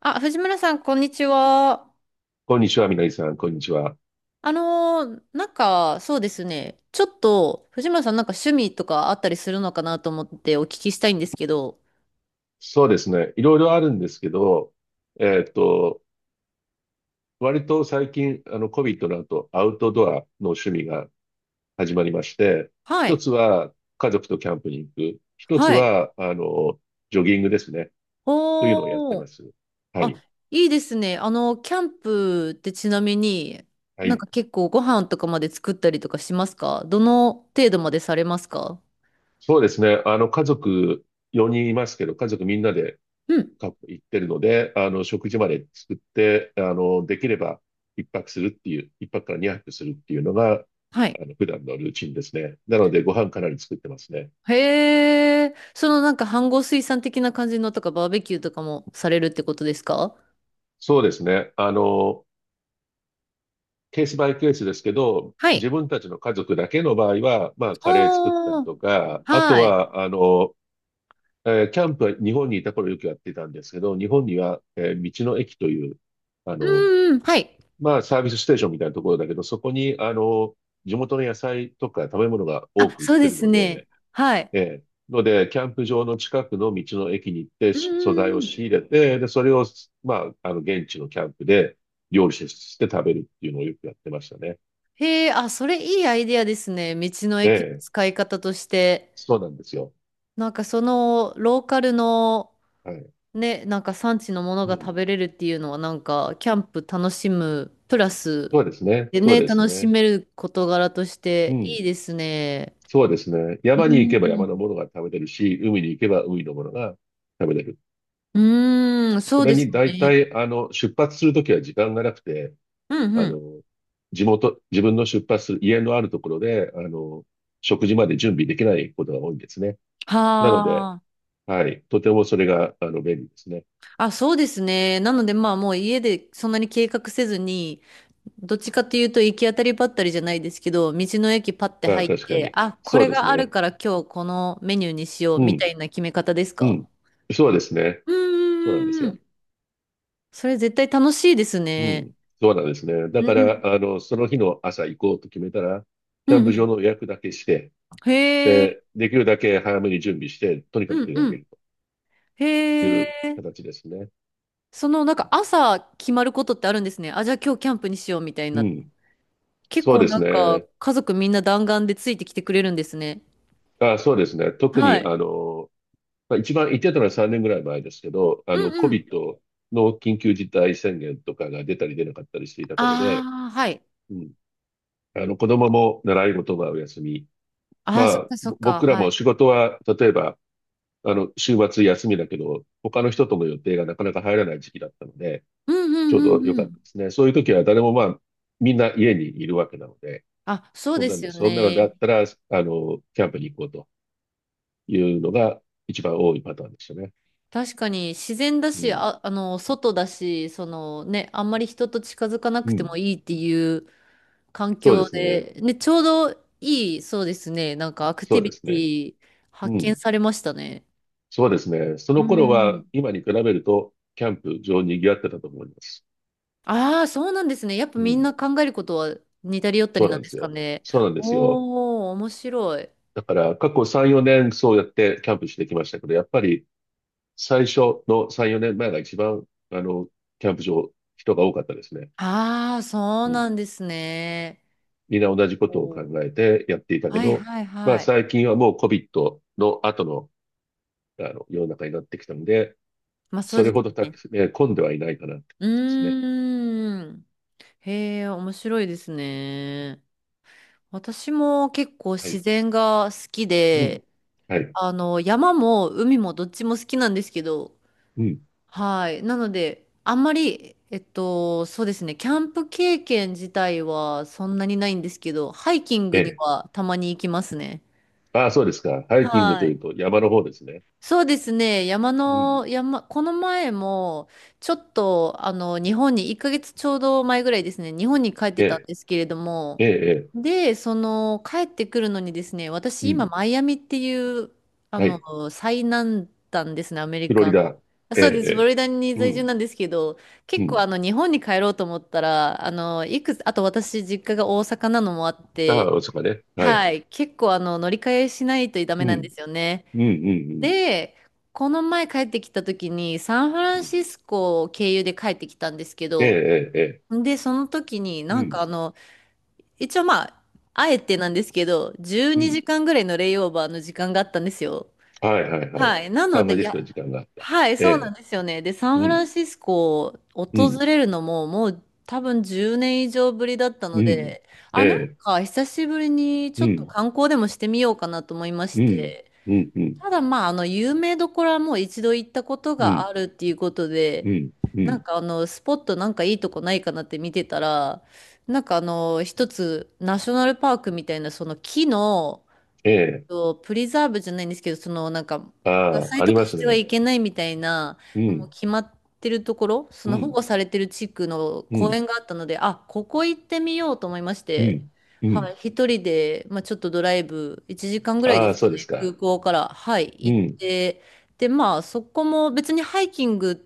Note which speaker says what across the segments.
Speaker 1: あ、藤村さん、こんにちは。
Speaker 2: こんにちは、みのりさん、こんにちは。
Speaker 1: なんか、そうですね。ちょっと、藤村さん、なんか趣味とかあったりするのかなと思ってお聞きしたいんですけど。
Speaker 2: そうですね。いろいろあるんですけど、えっと、割と最近、COVID の後、アウトドアの趣味が始まりまして、
Speaker 1: は
Speaker 2: 一
Speaker 1: い。
Speaker 2: つは家族とキャンプに行く。一つ
Speaker 1: はい。
Speaker 2: は、ジョギングですね。というのをやって
Speaker 1: お
Speaker 2: ま
Speaker 1: ー。
Speaker 2: す。は
Speaker 1: あ、
Speaker 2: い。
Speaker 1: いいですね。キャンプってちなみに、
Speaker 2: は
Speaker 1: なん
Speaker 2: い。
Speaker 1: か結構ご飯とかまで作ったりとかしますか？どの程度までされますか？
Speaker 2: そうですね。家族4人いますけど、家族みんなで
Speaker 1: うん。
Speaker 2: か行ってるので、食事まで作って、できれば一泊するっていう、一泊から二泊するっていうのが、
Speaker 1: はい。
Speaker 2: 普段のルーチンですね。なので、ご飯かなり作ってますね。
Speaker 1: へー。そのなんか、飯盒炊さん的な感じのとか、バーベキューとかもされるってことですか？
Speaker 2: そうですね。ケースバイケースですけど、
Speaker 1: はい。
Speaker 2: 自分たちの家族だけの場合は、カレー作ったり
Speaker 1: ああ、
Speaker 2: とか、あと
Speaker 1: はい。
Speaker 2: は、キャンプは日本にいた頃よくやってたんですけど、日本には、道の駅という、あ
Speaker 1: う
Speaker 2: の、
Speaker 1: んうん、はい。
Speaker 2: サービスステーションみたいなところだけど、そこに、地元の野菜とか食べ物が多
Speaker 1: あ、
Speaker 2: く売っ
Speaker 1: そう
Speaker 2: て
Speaker 1: で
Speaker 2: る
Speaker 1: す
Speaker 2: の
Speaker 1: ね。
Speaker 2: で、
Speaker 1: はい。
Speaker 2: ええ。ので、キャンプ場の近くの道の駅に行って、
Speaker 1: うん
Speaker 2: 素
Speaker 1: う
Speaker 2: 材
Speaker 1: ん
Speaker 2: を
Speaker 1: うん。
Speaker 2: 仕入れて、で、それを、現地のキャンプで料理して食べるっていうのをよくやってましたね。
Speaker 1: へえ、あ、それいいアイディアですね。道の
Speaker 2: え
Speaker 1: 駅の
Speaker 2: え。
Speaker 1: 使い方として。
Speaker 2: そうなんですよ。
Speaker 1: なんかそのローカルの
Speaker 2: はい。
Speaker 1: ね、なんか産地のもの
Speaker 2: う
Speaker 1: が
Speaker 2: ん。
Speaker 1: 食べれるっていうのはなんかキャンプ楽しむプラス
Speaker 2: そうですね。
Speaker 1: で
Speaker 2: そう
Speaker 1: ね、
Speaker 2: です
Speaker 1: 楽し
Speaker 2: ね。
Speaker 1: める事柄とし
Speaker 2: う
Speaker 1: てい
Speaker 2: ん。
Speaker 1: いですね。
Speaker 2: そうですね。
Speaker 1: う
Speaker 2: 山に行
Speaker 1: ん
Speaker 2: けば山のものが食べれるし、海に行けば海のものが食べれる。
Speaker 1: うーん、そ
Speaker 2: そ
Speaker 1: う
Speaker 2: れ
Speaker 1: です
Speaker 2: に大
Speaker 1: ね。
Speaker 2: 体、出発するときは時間がなくて、
Speaker 1: うんう
Speaker 2: あ
Speaker 1: ん。
Speaker 2: の、地元、自分の出発する家のあるところで、食事まで準備できないことが多いんですね。なので、
Speaker 1: はあ。
Speaker 2: はい、とてもそれが、便利ですね。
Speaker 1: あ、そうですね。なのでまあもう家でそんなに計画せずに、どっちかというと行き当たりばったりじゃないですけど、道の駅パッて
Speaker 2: ああ、
Speaker 1: 入っ
Speaker 2: 確か
Speaker 1: て、
Speaker 2: に。
Speaker 1: あ、こ
Speaker 2: そう
Speaker 1: れ
Speaker 2: です
Speaker 1: がある
Speaker 2: ね。
Speaker 1: から今日このメニューにしよう
Speaker 2: う
Speaker 1: みた
Speaker 2: ん、
Speaker 1: いな決め方です
Speaker 2: う
Speaker 1: か？
Speaker 2: ん。そうですね。
Speaker 1: うん
Speaker 2: そうな
Speaker 1: う
Speaker 2: んで
Speaker 1: んう
Speaker 2: す
Speaker 1: んう
Speaker 2: よ。
Speaker 1: ん。それ絶対楽しいです
Speaker 2: う
Speaker 1: ね。
Speaker 2: ん、そうなんですね。だ
Speaker 1: う
Speaker 2: か
Speaker 1: ん。
Speaker 2: ら、その日の朝行こうと決めたら、
Speaker 1: う
Speaker 2: キャン
Speaker 1: んう
Speaker 2: プ場
Speaker 1: ん。
Speaker 2: の予約だけして、
Speaker 1: へえ。
Speaker 2: で、できるだけ早めに準備して、とにかく
Speaker 1: うん
Speaker 2: 出か
Speaker 1: う
Speaker 2: け
Speaker 1: ん。
Speaker 2: ると
Speaker 1: へ
Speaker 2: い
Speaker 1: え。
Speaker 2: う形ですね。
Speaker 1: そのなんか朝決まることってあるんですね。あ、じゃあ今日キャンプにしようみたい
Speaker 2: う
Speaker 1: な。
Speaker 2: ん。
Speaker 1: 結
Speaker 2: そう
Speaker 1: 構
Speaker 2: です
Speaker 1: なんか
Speaker 2: ね。
Speaker 1: 家族みんな弾丸でついてきてくれるんですね。
Speaker 2: あ、そうですね。特
Speaker 1: は
Speaker 2: に、
Speaker 1: い。
Speaker 2: 一番言ってたのは3年ぐらい前ですけど、
Speaker 1: うんうん。
Speaker 2: COVID の緊急事態宣言とかが出たり出なかったりしていた頃で、
Speaker 1: ああ、はい。
Speaker 2: うん。子供も習い事はお休み。
Speaker 1: ああ、そっかそ
Speaker 2: ぼ
Speaker 1: っか、
Speaker 2: 僕ら
Speaker 1: は
Speaker 2: も
Speaker 1: い。
Speaker 2: 仕事は、例えば、週末休みだけど、他の人との予定がなかなか入らない時期だったので、
Speaker 1: うんう
Speaker 2: ちょう
Speaker 1: ん
Speaker 2: ど
Speaker 1: う
Speaker 2: 良
Speaker 1: んう
Speaker 2: かったで
Speaker 1: ん。
Speaker 2: すね。そういう時は誰もみんな家にいるわけなので、
Speaker 1: あ、そう
Speaker 2: そん
Speaker 1: で
Speaker 2: な
Speaker 1: す
Speaker 2: の、
Speaker 1: よ
Speaker 2: そんなのだ
Speaker 1: ね。
Speaker 2: ったら、キャンプに行こうと。いうのが一番多いパターンでしたね。
Speaker 1: 確かに自然だ
Speaker 2: う
Speaker 1: し、
Speaker 2: ん。
Speaker 1: あ、外だし、そのね、あんまり人と近づかな
Speaker 2: う
Speaker 1: くても
Speaker 2: ん。
Speaker 1: いいっていう環
Speaker 2: そうで
Speaker 1: 境
Speaker 2: すね。
Speaker 1: で、ね、ちょうどいい、そうですね。なんかアク
Speaker 2: そ
Speaker 1: ティ
Speaker 2: う
Speaker 1: ビ
Speaker 2: です
Speaker 1: テ
Speaker 2: ね。
Speaker 1: ィ発
Speaker 2: う
Speaker 1: 見
Speaker 2: ん。
Speaker 1: されましたね。
Speaker 2: そうですね。そ
Speaker 1: う
Speaker 2: の頃は
Speaker 1: ん。
Speaker 2: 今に比べると、キャンプ場賑わってたと思います。
Speaker 1: ああ、そうなんですね。やっぱ
Speaker 2: う
Speaker 1: みん
Speaker 2: ん。
Speaker 1: な考えることは似たり寄ったり
Speaker 2: そうな
Speaker 1: なん
Speaker 2: んで
Speaker 1: です
Speaker 2: す
Speaker 1: か
Speaker 2: よ。
Speaker 1: ね。
Speaker 2: そうなんですよ。
Speaker 1: おー、面白い。
Speaker 2: だから過去3、4年そうやってキャンプしてきましたけど、やっぱり最初の3、4年前が一番、あの、キャンプ場、人が多かったですね。
Speaker 1: ああ、そう
Speaker 2: うん。
Speaker 1: なんですね。
Speaker 2: みんな同じことを考
Speaker 1: おー
Speaker 2: えてやっていたけ
Speaker 1: はい
Speaker 2: ど、
Speaker 1: はいはい。
Speaker 2: 最近はもう COVID の後の、あの世の中になってきたので、
Speaker 1: まあそう
Speaker 2: それ
Speaker 1: です
Speaker 2: ほどたく、
Speaker 1: ね。
Speaker 2: えー混んではいないかなって感
Speaker 1: う
Speaker 2: じですね。
Speaker 1: ーん。へえ、面白いですね。私も結構
Speaker 2: は
Speaker 1: 自
Speaker 2: い。
Speaker 1: 然が好き
Speaker 2: うん。
Speaker 1: で、
Speaker 2: はい。
Speaker 1: 山も海もどっちも好きなんですけど、
Speaker 2: うん。
Speaker 1: はい。なので、あんまり、そうですね、キャンプ経験自体はそんなにないんですけど、ハイキン
Speaker 2: え
Speaker 1: グに
Speaker 2: え。
Speaker 1: はたまに行きますね。
Speaker 2: ああ、そうですか。ハイキングと
Speaker 1: は
Speaker 2: い
Speaker 1: い。
Speaker 2: うと山の方ですね。
Speaker 1: そうですね。山
Speaker 2: うん。
Speaker 1: の、山、この前も、ちょっと、日本に、1ヶ月ちょうど前ぐらいですね、日本に帰って
Speaker 2: え
Speaker 1: たん
Speaker 2: え。
Speaker 1: ですけれども、
Speaker 2: ええ。
Speaker 1: で、帰ってくるのにですね、
Speaker 2: え
Speaker 1: 私、
Speaker 2: えう
Speaker 1: 今、
Speaker 2: ん。
Speaker 1: マイアミっていう、
Speaker 2: はい。
Speaker 1: 最南端ですね、アメリ
Speaker 2: フロリ
Speaker 1: カの。
Speaker 2: ダ。
Speaker 1: あ
Speaker 2: ええ。
Speaker 1: そうです、フロ
Speaker 2: ええ
Speaker 1: リダに
Speaker 2: う
Speaker 1: 在住
Speaker 2: ん。
Speaker 1: なんですけど、
Speaker 2: う
Speaker 1: 結構、
Speaker 2: ん。
Speaker 1: 日本に帰ろうと思ったら、あの、いくつ、あと私、実家が大阪なのもあって、
Speaker 2: ああ、そうかね。は
Speaker 1: は
Speaker 2: い。
Speaker 1: い、結構、乗り換えしないとダメ
Speaker 2: う
Speaker 1: なん
Speaker 2: ん。
Speaker 1: ですよね。
Speaker 2: うん。うん。
Speaker 1: で、この前帰ってきた時にサンフラ
Speaker 2: う
Speaker 1: ン
Speaker 2: ん。
Speaker 1: シスコを経由で帰ってきたんですけ
Speaker 2: ええ。
Speaker 1: ど、
Speaker 2: ええ。ええ
Speaker 1: で、その時に
Speaker 2: う
Speaker 1: なんか
Speaker 2: ん。
Speaker 1: 一応まあ、あえてなんですけど、12
Speaker 2: うん。
Speaker 1: 時間ぐらいのレイオーバーの時間があったんですよ。
Speaker 2: はい。はい。はい。
Speaker 1: はい。な
Speaker 2: サ
Speaker 1: の
Speaker 2: ンフラ
Speaker 1: で、
Speaker 2: ン
Speaker 1: い
Speaker 2: シス
Speaker 1: や、
Speaker 2: コに時間があった。
Speaker 1: はい、
Speaker 2: え
Speaker 1: そうなん
Speaker 2: え。
Speaker 1: ですよね。で、サン
Speaker 2: う
Speaker 1: フラ
Speaker 2: ん。
Speaker 1: ンシスコを
Speaker 2: う
Speaker 1: 訪
Speaker 2: ん。
Speaker 1: れるのももう多分10年以上ぶりだった
Speaker 2: う
Speaker 1: の
Speaker 2: ん。
Speaker 1: で、
Speaker 2: え
Speaker 1: あ、なん
Speaker 2: え。
Speaker 1: か久しぶりに
Speaker 2: う
Speaker 1: ちょっと
Speaker 2: ん。
Speaker 1: 観光でもしてみようかなと思いまし
Speaker 2: うん。
Speaker 1: て、
Speaker 2: うん。うん。
Speaker 1: ただまあ、有名どころはもう一度行ったこと
Speaker 2: う
Speaker 1: が
Speaker 2: ん。
Speaker 1: あるっていうこと
Speaker 2: う
Speaker 1: で、
Speaker 2: ん。う
Speaker 1: なん
Speaker 2: ん。
Speaker 1: かスポットなんかいいとこないかなって見てたら、なんか一つ、ナショナルパークみたいな、その木の、
Speaker 2: ええ。
Speaker 1: と、プリザーブじゃないんですけど、そのなんか、伐
Speaker 2: ああ、
Speaker 1: 採
Speaker 2: あ
Speaker 1: と
Speaker 2: り
Speaker 1: か
Speaker 2: ま
Speaker 1: し
Speaker 2: す
Speaker 1: ては
Speaker 2: ね。
Speaker 1: いけないみたいな、
Speaker 2: う
Speaker 1: もう
Speaker 2: ん、
Speaker 1: 決まってるところ、そ
Speaker 2: う
Speaker 1: の保
Speaker 2: ん、
Speaker 1: 護されてる地区の
Speaker 2: う
Speaker 1: 公
Speaker 2: ん、
Speaker 1: 園があったので、あ、ここ行ってみようと思いまし
Speaker 2: う
Speaker 1: て、
Speaker 2: ん、う
Speaker 1: はい、
Speaker 2: ん。
Speaker 1: 一人で、まあ、ちょっとドライブ、1時間ぐらいで
Speaker 2: ああ、
Speaker 1: すか
Speaker 2: そうです
Speaker 1: ね、空
Speaker 2: か。
Speaker 1: 港から、はい、
Speaker 2: う
Speaker 1: 行っ
Speaker 2: ん、
Speaker 1: て、で、まあ、そこも別にハイキング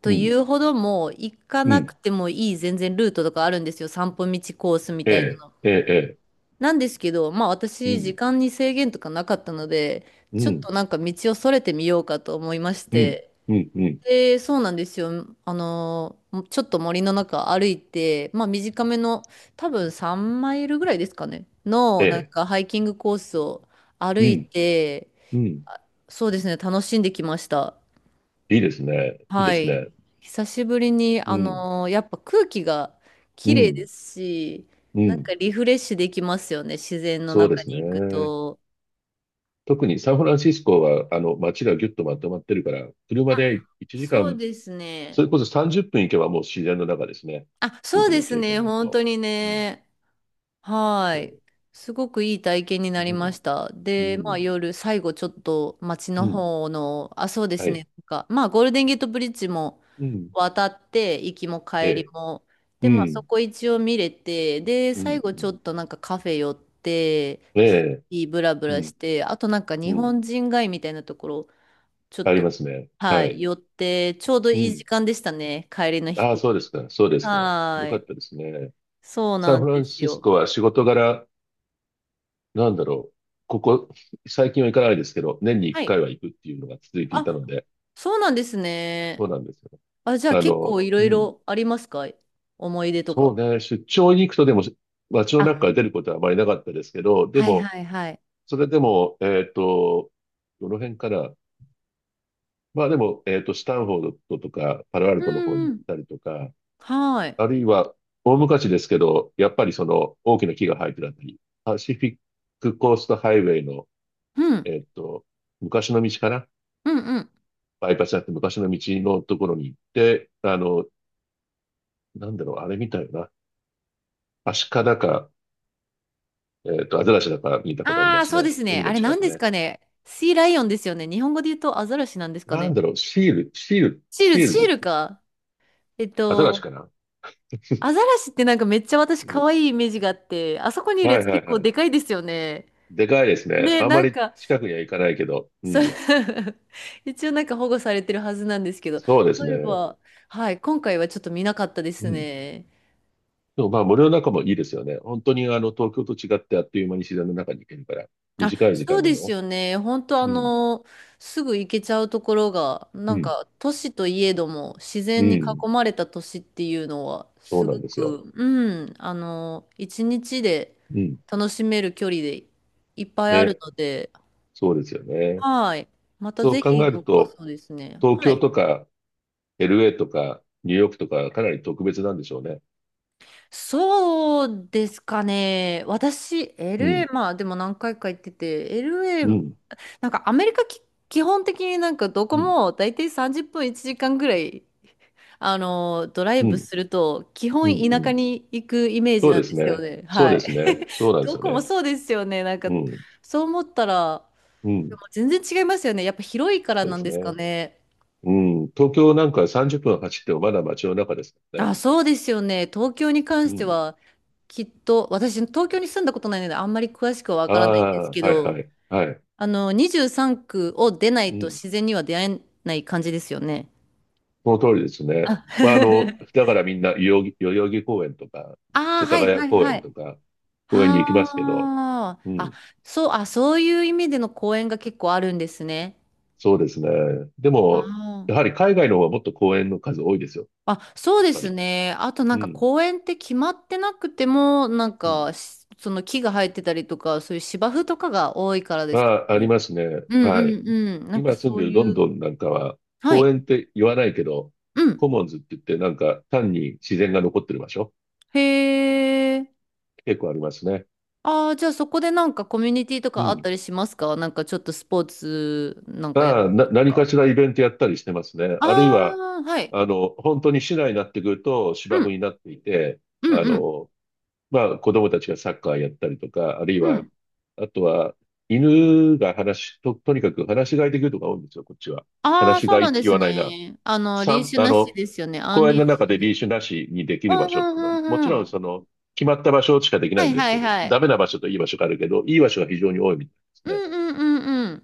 Speaker 1: と
Speaker 2: うん、
Speaker 1: いうほども行か
Speaker 2: う
Speaker 1: な
Speaker 2: ん。
Speaker 1: くてもいい全然ルートとかあるんですよ、散歩道コースみ
Speaker 2: え
Speaker 1: たい
Speaker 2: え、
Speaker 1: な。
Speaker 2: ええ、
Speaker 1: なんですけど、まあ
Speaker 2: ええ。う
Speaker 1: 私、時
Speaker 2: ん、
Speaker 1: 間に制限とかなかったので、
Speaker 2: う
Speaker 1: ちょっ
Speaker 2: ん、
Speaker 1: となんか道をそれてみようかと思いまし
Speaker 2: うん、
Speaker 1: て、
Speaker 2: うん、うん。
Speaker 1: で、そうなんですよ。ちょっと森の中歩いて、まあ短めの、多分3マイルぐらいですかね、
Speaker 2: え
Speaker 1: の、なん
Speaker 2: え、
Speaker 1: かハイキングコースを歩
Speaker 2: う
Speaker 1: い
Speaker 2: ん、
Speaker 1: て、
Speaker 2: うん。
Speaker 1: あそうですね、楽しんできました。
Speaker 2: いいですね。いいで
Speaker 1: は
Speaker 2: す
Speaker 1: い。
Speaker 2: ね。
Speaker 1: 久しぶりに、
Speaker 2: うん、
Speaker 1: やっぱ空気が
Speaker 2: う
Speaker 1: 綺麗で
Speaker 2: ん、
Speaker 1: すし、
Speaker 2: う
Speaker 1: なん
Speaker 2: ん。
Speaker 1: かリフレッシュできますよね、自然の
Speaker 2: そうで
Speaker 1: 中
Speaker 2: す
Speaker 1: に行く
Speaker 2: ね。
Speaker 1: と。
Speaker 2: 特にサンフランシスコは、街がぎゅっとまとまってるから、車
Speaker 1: あ、
Speaker 2: で1時
Speaker 1: そう
Speaker 2: 間、
Speaker 1: です
Speaker 2: そ
Speaker 1: ね。
Speaker 2: れこそ30分行けばもう自然の中ですね。
Speaker 1: あ、そう
Speaker 2: 僕
Speaker 1: で
Speaker 2: の
Speaker 1: す
Speaker 2: 経
Speaker 1: ね、
Speaker 2: 験だ
Speaker 1: 本
Speaker 2: と。
Speaker 1: 当に
Speaker 2: うん、
Speaker 1: ね。は
Speaker 2: そう
Speaker 1: い。すごくいい体験にな
Speaker 2: う
Speaker 1: りま
Speaker 2: ん、
Speaker 1: した。
Speaker 2: う
Speaker 1: で、まあ
Speaker 2: ん、
Speaker 1: 夜、最後ちょっと街
Speaker 2: う
Speaker 1: の
Speaker 2: ん。
Speaker 1: 方の、あ、そうで
Speaker 2: は
Speaker 1: す
Speaker 2: い。
Speaker 1: ね。なんか、まあゴールデンゲートブリッジも
Speaker 2: うん。
Speaker 1: 渡って、行きも
Speaker 2: え
Speaker 1: 帰り
Speaker 2: え。
Speaker 1: も。
Speaker 2: う
Speaker 1: で、まあそ
Speaker 2: ん。
Speaker 1: こ一応見れて、で、
Speaker 2: うん。
Speaker 1: 最後
Speaker 2: う
Speaker 1: ちょ
Speaker 2: ん
Speaker 1: っとなんかカフェ寄って、
Speaker 2: え
Speaker 1: シ
Speaker 2: え。
Speaker 1: ティブラブ
Speaker 2: う
Speaker 1: ラ
Speaker 2: ん。
Speaker 1: して、あとなんか
Speaker 2: う
Speaker 1: 日
Speaker 2: ん。
Speaker 1: 本人街みたいなところ、ちょっ
Speaker 2: あり
Speaker 1: と、
Speaker 2: ますね。
Speaker 1: は
Speaker 2: は
Speaker 1: い、
Speaker 2: い。
Speaker 1: 寄って、ちょうど
Speaker 2: う
Speaker 1: いい時
Speaker 2: ん。
Speaker 1: 間でしたね。帰りの飛
Speaker 2: ああ、
Speaker 1: 行
Speaker 2: そうで
Speaker 1: 機。
Speaker 2: すか。そうですか。よ
Speaker 1: は
Speaker 2: かっ
Speaker 1: い。
Speaker 2: たですね。
Speaker 1: そう
Speaker 2: サ
Speaker 1: な
Speaker 2: ン
Speaker 1: ん
Speaker 2: フラ
Speaker 1: で
Speaker 2: ン
Speaker 1: す
Speaker 2: シス
Speaker 1: よ。
Speaker 2: コは仕事柄、なんだろう。ここ、最近は行かないですけど、年に
Speaker 1: は
Speaker 2: 1
Speaker 1: い。
Speaker 2: 回は行くっていうのが続いていた
Speaker 1: あ、
Speaker 2: ので、
Speaker 1: そうなんです
Speaker 2: そ
Speaker 1: ね。
Speaker 2: うなんですよ。
Speaker 1: あ、じゃあ結構いろ
Speaker 2: う
Speaker 1: い
Speaker 2: ん。
Speaker 1: ろありますか？思い出と
Speaker 2: そう
Speaker 1: か。
Speaker 2: ね。出張に行くとでも、街の
Speaker 1: あ、
Speaker 2: 中から出ることはあまりなかったですけど、で
Speaker 1: はい
Speaker 2: も、
Speaker 1: はいはい。
Speaker 2: それでも、えっと、どの辺からでも、スタンフォードとか、パロア
Speaker 1: う
Speaker 2: ルトの方に行
Speaker 1: ん
Speaker 2: っ
Speaker 1: うん。
Speaker 2: たりとか、
Speaker 1: はい。
Speaker 2: あるいは、大昔ですけど、やっぱりその大きな木が生えてるあたり、パシフィックコーストハイウェイの、
Speaker 1: うん。
Speaker 2: えっと、昔の道かな
Speaker 1: うんうん。
Speaker 2: バイパスだって昔の道のところに行って、なんだろう、あれ見たよな。アシカだか、アザラシだか見たことあり
Speaker 1: あ
Speaker 2: ま
Speaker 1: あ、
Speaker 2: す
Speaker 1: そう
Speaker 2: ね。
Speaker 1: ですね。
Speaker 2: 海
Speaker 1: あ
Speaker 2: の
Speaker 1: れ
Speaker 2: 近
Speaker 1: 何
Speaker 2: く
Speaker 1: です
Speaker 2: ね。
Speaker 1: かね。シーライオンですよね。日本語で言うとアザラシなんですか
Speaker 2: なん
Speaker 1: ね。
Speaker 2: だろう、シール、シール、
Speaker 1: シール、
Speaker 2: シール
Speaker 1: シ
Speaker 2: ズっ
Speaker 1: ール
Speaker 2: て、
Speaker 1: か。えっ
Speaker 2: アザラシ
Speaker 1: と、
Speaker 2: かな
Speaker 1: アザラシってなんかめっちゃ私
Speaker 2: う
Speaker 1: 可
Speaker 2: ん。
Speaker 1: 愛いイメージがあって、あそこにいるや
Speaker 2: は
Speaker 1: つ
Speaker 2: いは
Speaker 1: 結
Speaker 2: い
Speaker 1: 構
Speaker 2: はい。
Speaker 1: でかいですよね。
Speaker 2: でかいですね。
Speaker 1: ね、
Speaker 2: あんま
Speaker 1: なん
Speaker 2: り
Speaker 1: か、
Speaker 2: 近くには行かないけど、う
Speaker 1: そう
Speaker 2: ん。
Speaker 1: 一応なんか保護されてるはずなんですけど、そ
Speaker 2: そうです
Speaker 1: ういえ
Speaker 2: ね。
Speaker 1: ば、はい、今回はちょっと見なかったで
Speaker 2: う
Speaker 1: す
Speaker 2: ん。
Speaker 1: ね。
Speaker 2: でも森の中もいいですよね。本当にあの東京と違ってあっという間に自然の中に行けるから、
Speaker 1: あ、
Speaker 2: 短い時
Speaker 1: そう
Speaker 2: 間で
Speaker 1: です
Speaker 2: も。
Speaker 1: よね。本当
Speaker 2: うん、
Speaker 1: すぐ行けちゃうところが、な
Speaker 2: う
Speaker 1: ん
Speaker 2: ん、
Speaker 1: か都市といえども自
Speaker 2: う
Speaker 1: 然に
Speaker 2: ん。
Speaker 1: 囲まれた都市っていうのは、
Speaker 2: そう
Speaker 1: す
Speaker 2: な
Speaker 1: ご
Speaker 2: んですよ。
Speaker 1: く、一日で
Speaker 2: うん。
Speaker 1: 楽しめる距離でいっぱいある
Speaker 2: ね、
Speaker 1: ので、
Speaker 2: そうですよね。
Speaker 1: はい。また
Speaker 2: そう
Speaker 1: ぜひ、
Speaker 2: 考え
Speaker 1: ど
Speaker 2: る
Speaker 1: っか
Speaker 2: と、
Speaker 1: そうですね。
Speaker 2: 東
Speaker 1: は
Speaker 2: 京
Speaker 1: い。
Speaker 2: とか LA とかニューヨークとかかなり特別なんでしょうね。
Speaker 1: そうですかね。私、
Speaker 2: うん、
Speaker 1: LA、まあでも何回か行ってて、
Speaker 2: う
Speaker 1: LA、
Speaker 2: ん、
Speaker 1: なんかアメリカき基本的になんかどこ
Speaker 2: うん、
Speaker 1: も大体30分1時間ぐらい、ドライ
Speaker 2: う
Speaker 1: ブ
Speaker 2: ん、
Speaker 1: すると、基
Speaker 2: う
Speaker 1: 本
Speaker 2: ん、う
Speaker 1: 田舎
Speaker 2: ん。
Speaker 1: に行くイメージ
Speaker 2: そう
Speaker 1: な
Speaker 2: で
Speaker 1: んで
Speaker 2: す
Speaker 1: すよ
Speaker 2: ね。
Speaker 1: ね。
Speaker 2: そう
Speaker 1: は
Speaker 2: で
Speaker 1: い。
Speaker 2: すね。そうなんです
Speaker 1: ど
Speaker 2: よ
Speaker 1: こも
Speaker 2: ね。
Speaker 1: そうですよね。なんか、
Speaker 2: うん、
Speaker 1: そう思ったら、
Speaker 2: う
Speaker 1: で
Speaker 2: ん。
Speaker 1: も全然違いますよね。やっぱ広いから
Speaker 2: そうで
Speaker 1: なん
Speaker 2: す
Speaker 1: ですか
Speaker 2: ね。
Speaker 1: ね。
Speaker 2: うん。東京なんか30分走ってもまだ街の中ですからね。
Speaker 1: あ、そうですよね。東京に関
Speaker 2: う
Speaker 1: して
Speaker 2: ん。
Speaker 1: は、きっと、私、東京に住んだことないので、あんまり詳しくはわ
Speaker 2: あ
Speaker 1: からないんです
Speaker 2: あ、
Speaker 1: け
Speaker 2: はいは
Speaker 1: ど、
Speaker 2: い、はい。
Speaker 1: 23区を出な
Speaker 2: う
Speaker 1: いと
Speaker 2: ん。
Speaker 1: 自然には出会えない感じですよね。
Speaker 2: その通りですね。
Speaker 1: あ、
Speaker 2: だからみんな、代々木公園とか、
Speaker 1: あー、
Speaker 2: 世
Speaker 1: は
Speaker 2: 田
Speaker 1: いは
Speaker 2: 谷
Speaker 1: い
Speaker 2: 公
Speaker 1: は
Speaker 2: 園と
Speaker 1: い。
Speaker 2: か、公園に行きますけど、
Speaker 1: はあ。
Speaker 2: う
Speaker 1: あ、
Speaker 2: ん。
Speaker 1: そう、あ、そういう意味での公園が結構あるんですね。
Speaker 2: そうですね。でも、
Speaker 1: あ
Speaker 2: やはり海外の方はもっと公園の数多いですよ、
Speaker 1: あ。あ、そう
Speaker 2: やっ
Speaker 1: で
Speaker 2: ぱ
Speaker 1: す
Speaker 2: り。
Speaker 1: ね。あとな
Speaker 2: う
Speaker 1: んか
Speaker 2: ん。
Speaker 1: 公園って決まってなくても、なん
Speaker 2: うん。
Speaker 1: かし、その木が生えてたりとか、そういう芝生とかが多いからで
Speaker 2: ま
Speaker 1: すか
Speaker 2: あり
Speaker 1: ね。
Speaker 2: ますね。
Speaker 1: うん
Speaker 2: はい。
Speaker 1: うんうん。なんか
Speaker 2: 今住ん
Speaker 1: そ
Speaker 2: で
Speaker 1: う
Speaker 2: る
Speaker 1: い
Speaker 2: ロン
Speaker 1: う。
Speaker 2: ドンなんかは、
Speaker 1: は
Speaker 2: 公
Speaker 1: い。
Speaker 2: 園って言わないけど、
Speaker 1: うん。
Speaker 2: コモンズって言って、なんか単に自然が残ってる場所、
Speaker 1: へえ。
Speaker 2: 結構ありますね。
Speaker 1: ああ、じゃあそこでなんかコミュニティと
Speaker 2: う
Speaker 1: かあっ
Speaker 2: ん。
Speaker 1: たりしますか？なんかちょっとスポーツなんかやる
Speaker 2: ああ、
Speaker 1: と
Speaker 2: 何か
Speaker 1: か。
Speaker 2: しらイベントやったりしてますね。
Speaker 1: あ
Speaker 2: あるいは、
Speaker 1: あ、はい。
Speaker 2: 本当に市内になってくると
Speaker 1: う
Speaker 2: 芝生
Speaker 1: ん。
Speaker 2: になっていて、
Speaker 1: う
Speaker 2: あ
Speaker 1: んうん。
Speaker 2: の、子供たちがサッカーやったりとか、あるい
Speaker 1: う
Speaker 2: は、
Speaker 1: ん。
Speaker 2: あとは、犬がとにかく話し飼いできるとか多いんですよ、こっちは。
Speaker 1: あ
Speaker 2: 話
Speaker 1: あ、
Speaker 2: し
Speaker 1: そう
Speaker 2: 飼いっ
Speaker 1: なん
Speaker 2: て
Speaker 1: で
Speaker 2: 言
Speaker 1: す
Speaker 2: わないな。
Speaker 1: ね。リー
Speaker 2: 散
Speaker 1: シュ
Speaker 2: あ
Speaker 1: なし
Speaker 2: の、
Speaker 1: ですよね。アン
Speaker 2: 公園
Speaker 1: リ
Speaker 2: の
Speaker 1: ー
Speaker 2: 中
Speaker 1: シュ
Speaker 2: でリ
Speaker 1: で。
Speaker 2: ーシュなしにでき
Speaker 1: う
Speaker 2: る場
Speaker 1: んう
Speaker 2: 所って
Speaker 1: ん
Speaker 2: いうのは、もち
Speaker 1: うん
Speaker 2: ろ
Speaker 1: うん。
Speaker 2: ん決まった場所しかできな
Speaker 1: は
Speaker 2: いん
Speaker 1: い
Speaker 2: です
Speaker 1: は
Speaker 2: け
Speaker 1: い
Speaker 2: ど、
Speaker 1: はい。
Speaker 2: ダメな場所といい場所があるけど、いい場所が非常に多いみたい
Speaker 1: う
Speaker 2: ですね。
Speaker 1: んうんうんうん。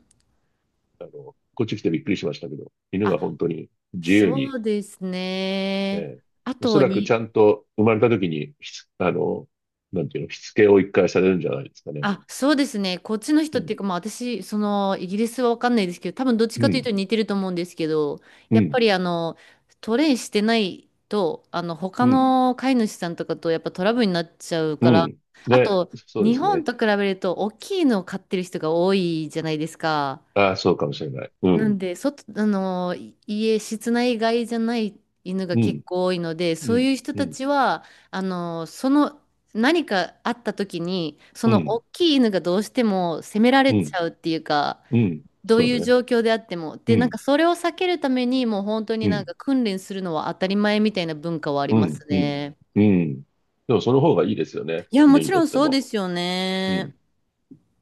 Speaker 2: こっち来てびっくりしましたけど、犬が
Speaker 1: あ、
Speaker 2: 本当に自由に、
Speaker 1: そうですね。
Speaker 2: えー
Speaker 1: あ
Speaker 2: おそ
Speaker 1: と
Speaker 2: らくちゃ
Speaker 1: に、
Speaker 2: んと生まれた時に、ひつあの、なんていうの、しつけを一回されるんじゃないですかね。
Speaker 1: あ、そうですね。こっちの
Speaker 2: う
Speaker 1: 人っていう
Speaker 2: ん、
Speaker 1: か、まあ私、イギリスはわかんないですけど、多分どっち
Speaker 2: う
Speaker 1: かというと
Speaker 2: ん、
Speaker 1: 似てると思うんですけど、
Speaker 2: う
Speaker 1: やっぱ
Speaker 2: ん、
Speaker 1: りトレイしてないと、他
Speaker 2: うん、
Speaker 1: の飼い主さんとかとやっぱトラブルになっちゃう
Speaker 2: う
Speaker 1: から、
Speaker 2: ん。
Speaker 1: あ
Speaker 2: ね、
Speaker 1: と、
Speaker 2: そうで
Speaker 1: 日
Speaker 2: す
Speaker 1: 本
Speaker 2: ね。
Speaker 1: と比べると大きいのを飼ってる人が多いじゃないですか。
Speaker 2: ああ、そうかもしれない。う
Speaker 1: なん
Speaker 2: ん、
Speaker 1: で、外、あの、い家、室内外じゃない犬が
Speaker 2: う
Speaker 1: 結
Speaker 2: ん、
Speaker 1: 構多いので、
Speaker 2: う
Speaker 1: そう
Speaker 2: ん、
Speaker 1: いう人
Speaker 2: う
Speaker 1: た
Speaker 2: ん、
Speaker 1: ちは、あの、その、何かあった時に、そ
Speaker 2: う
Speaker 1: の大
Speaker 2: ん、
Speaker 1: きい犬がどうしても責められ
Speaker 2: う
Speaker 1: ち
Speaker 2: ん、
Speaker 1: ゃうっていうか、
Speaker 2: うん、
Speaker 1: どう
Speaker 2: そう
Speaker 1: いう
Speaker 2: ね。
Speaker 1: 状況であっても。
Speaker 2: う
Speaker 1: で、なん
Speaker 2: ん、
Speaker 1: かそれを避けるために、もう本当に
Speaker 2: う
Speaker 1: なん
Speaker 2: ん、
Speaker 1: か訓練するのは当たり前みたいな文化はあり
Speaker 2: う
Speaker 1: ます
Speaker 2: ん、うん、
Speaker 1: ね。
Speaker 2: うん。でもその方がいいですよね。
Speaker 1: いや、も
Speaker 2: 犬
Speaker 1: ち
Speaker 2: に
Speaker 1: ろ
Speaker 2: とっ
Speaker 1: ん
Speaker 2: て
Speaker 1: そうで
Speaker 2: も。
Speaker 1: すよ
Speaker 2: うん。
Speaker 1: ね。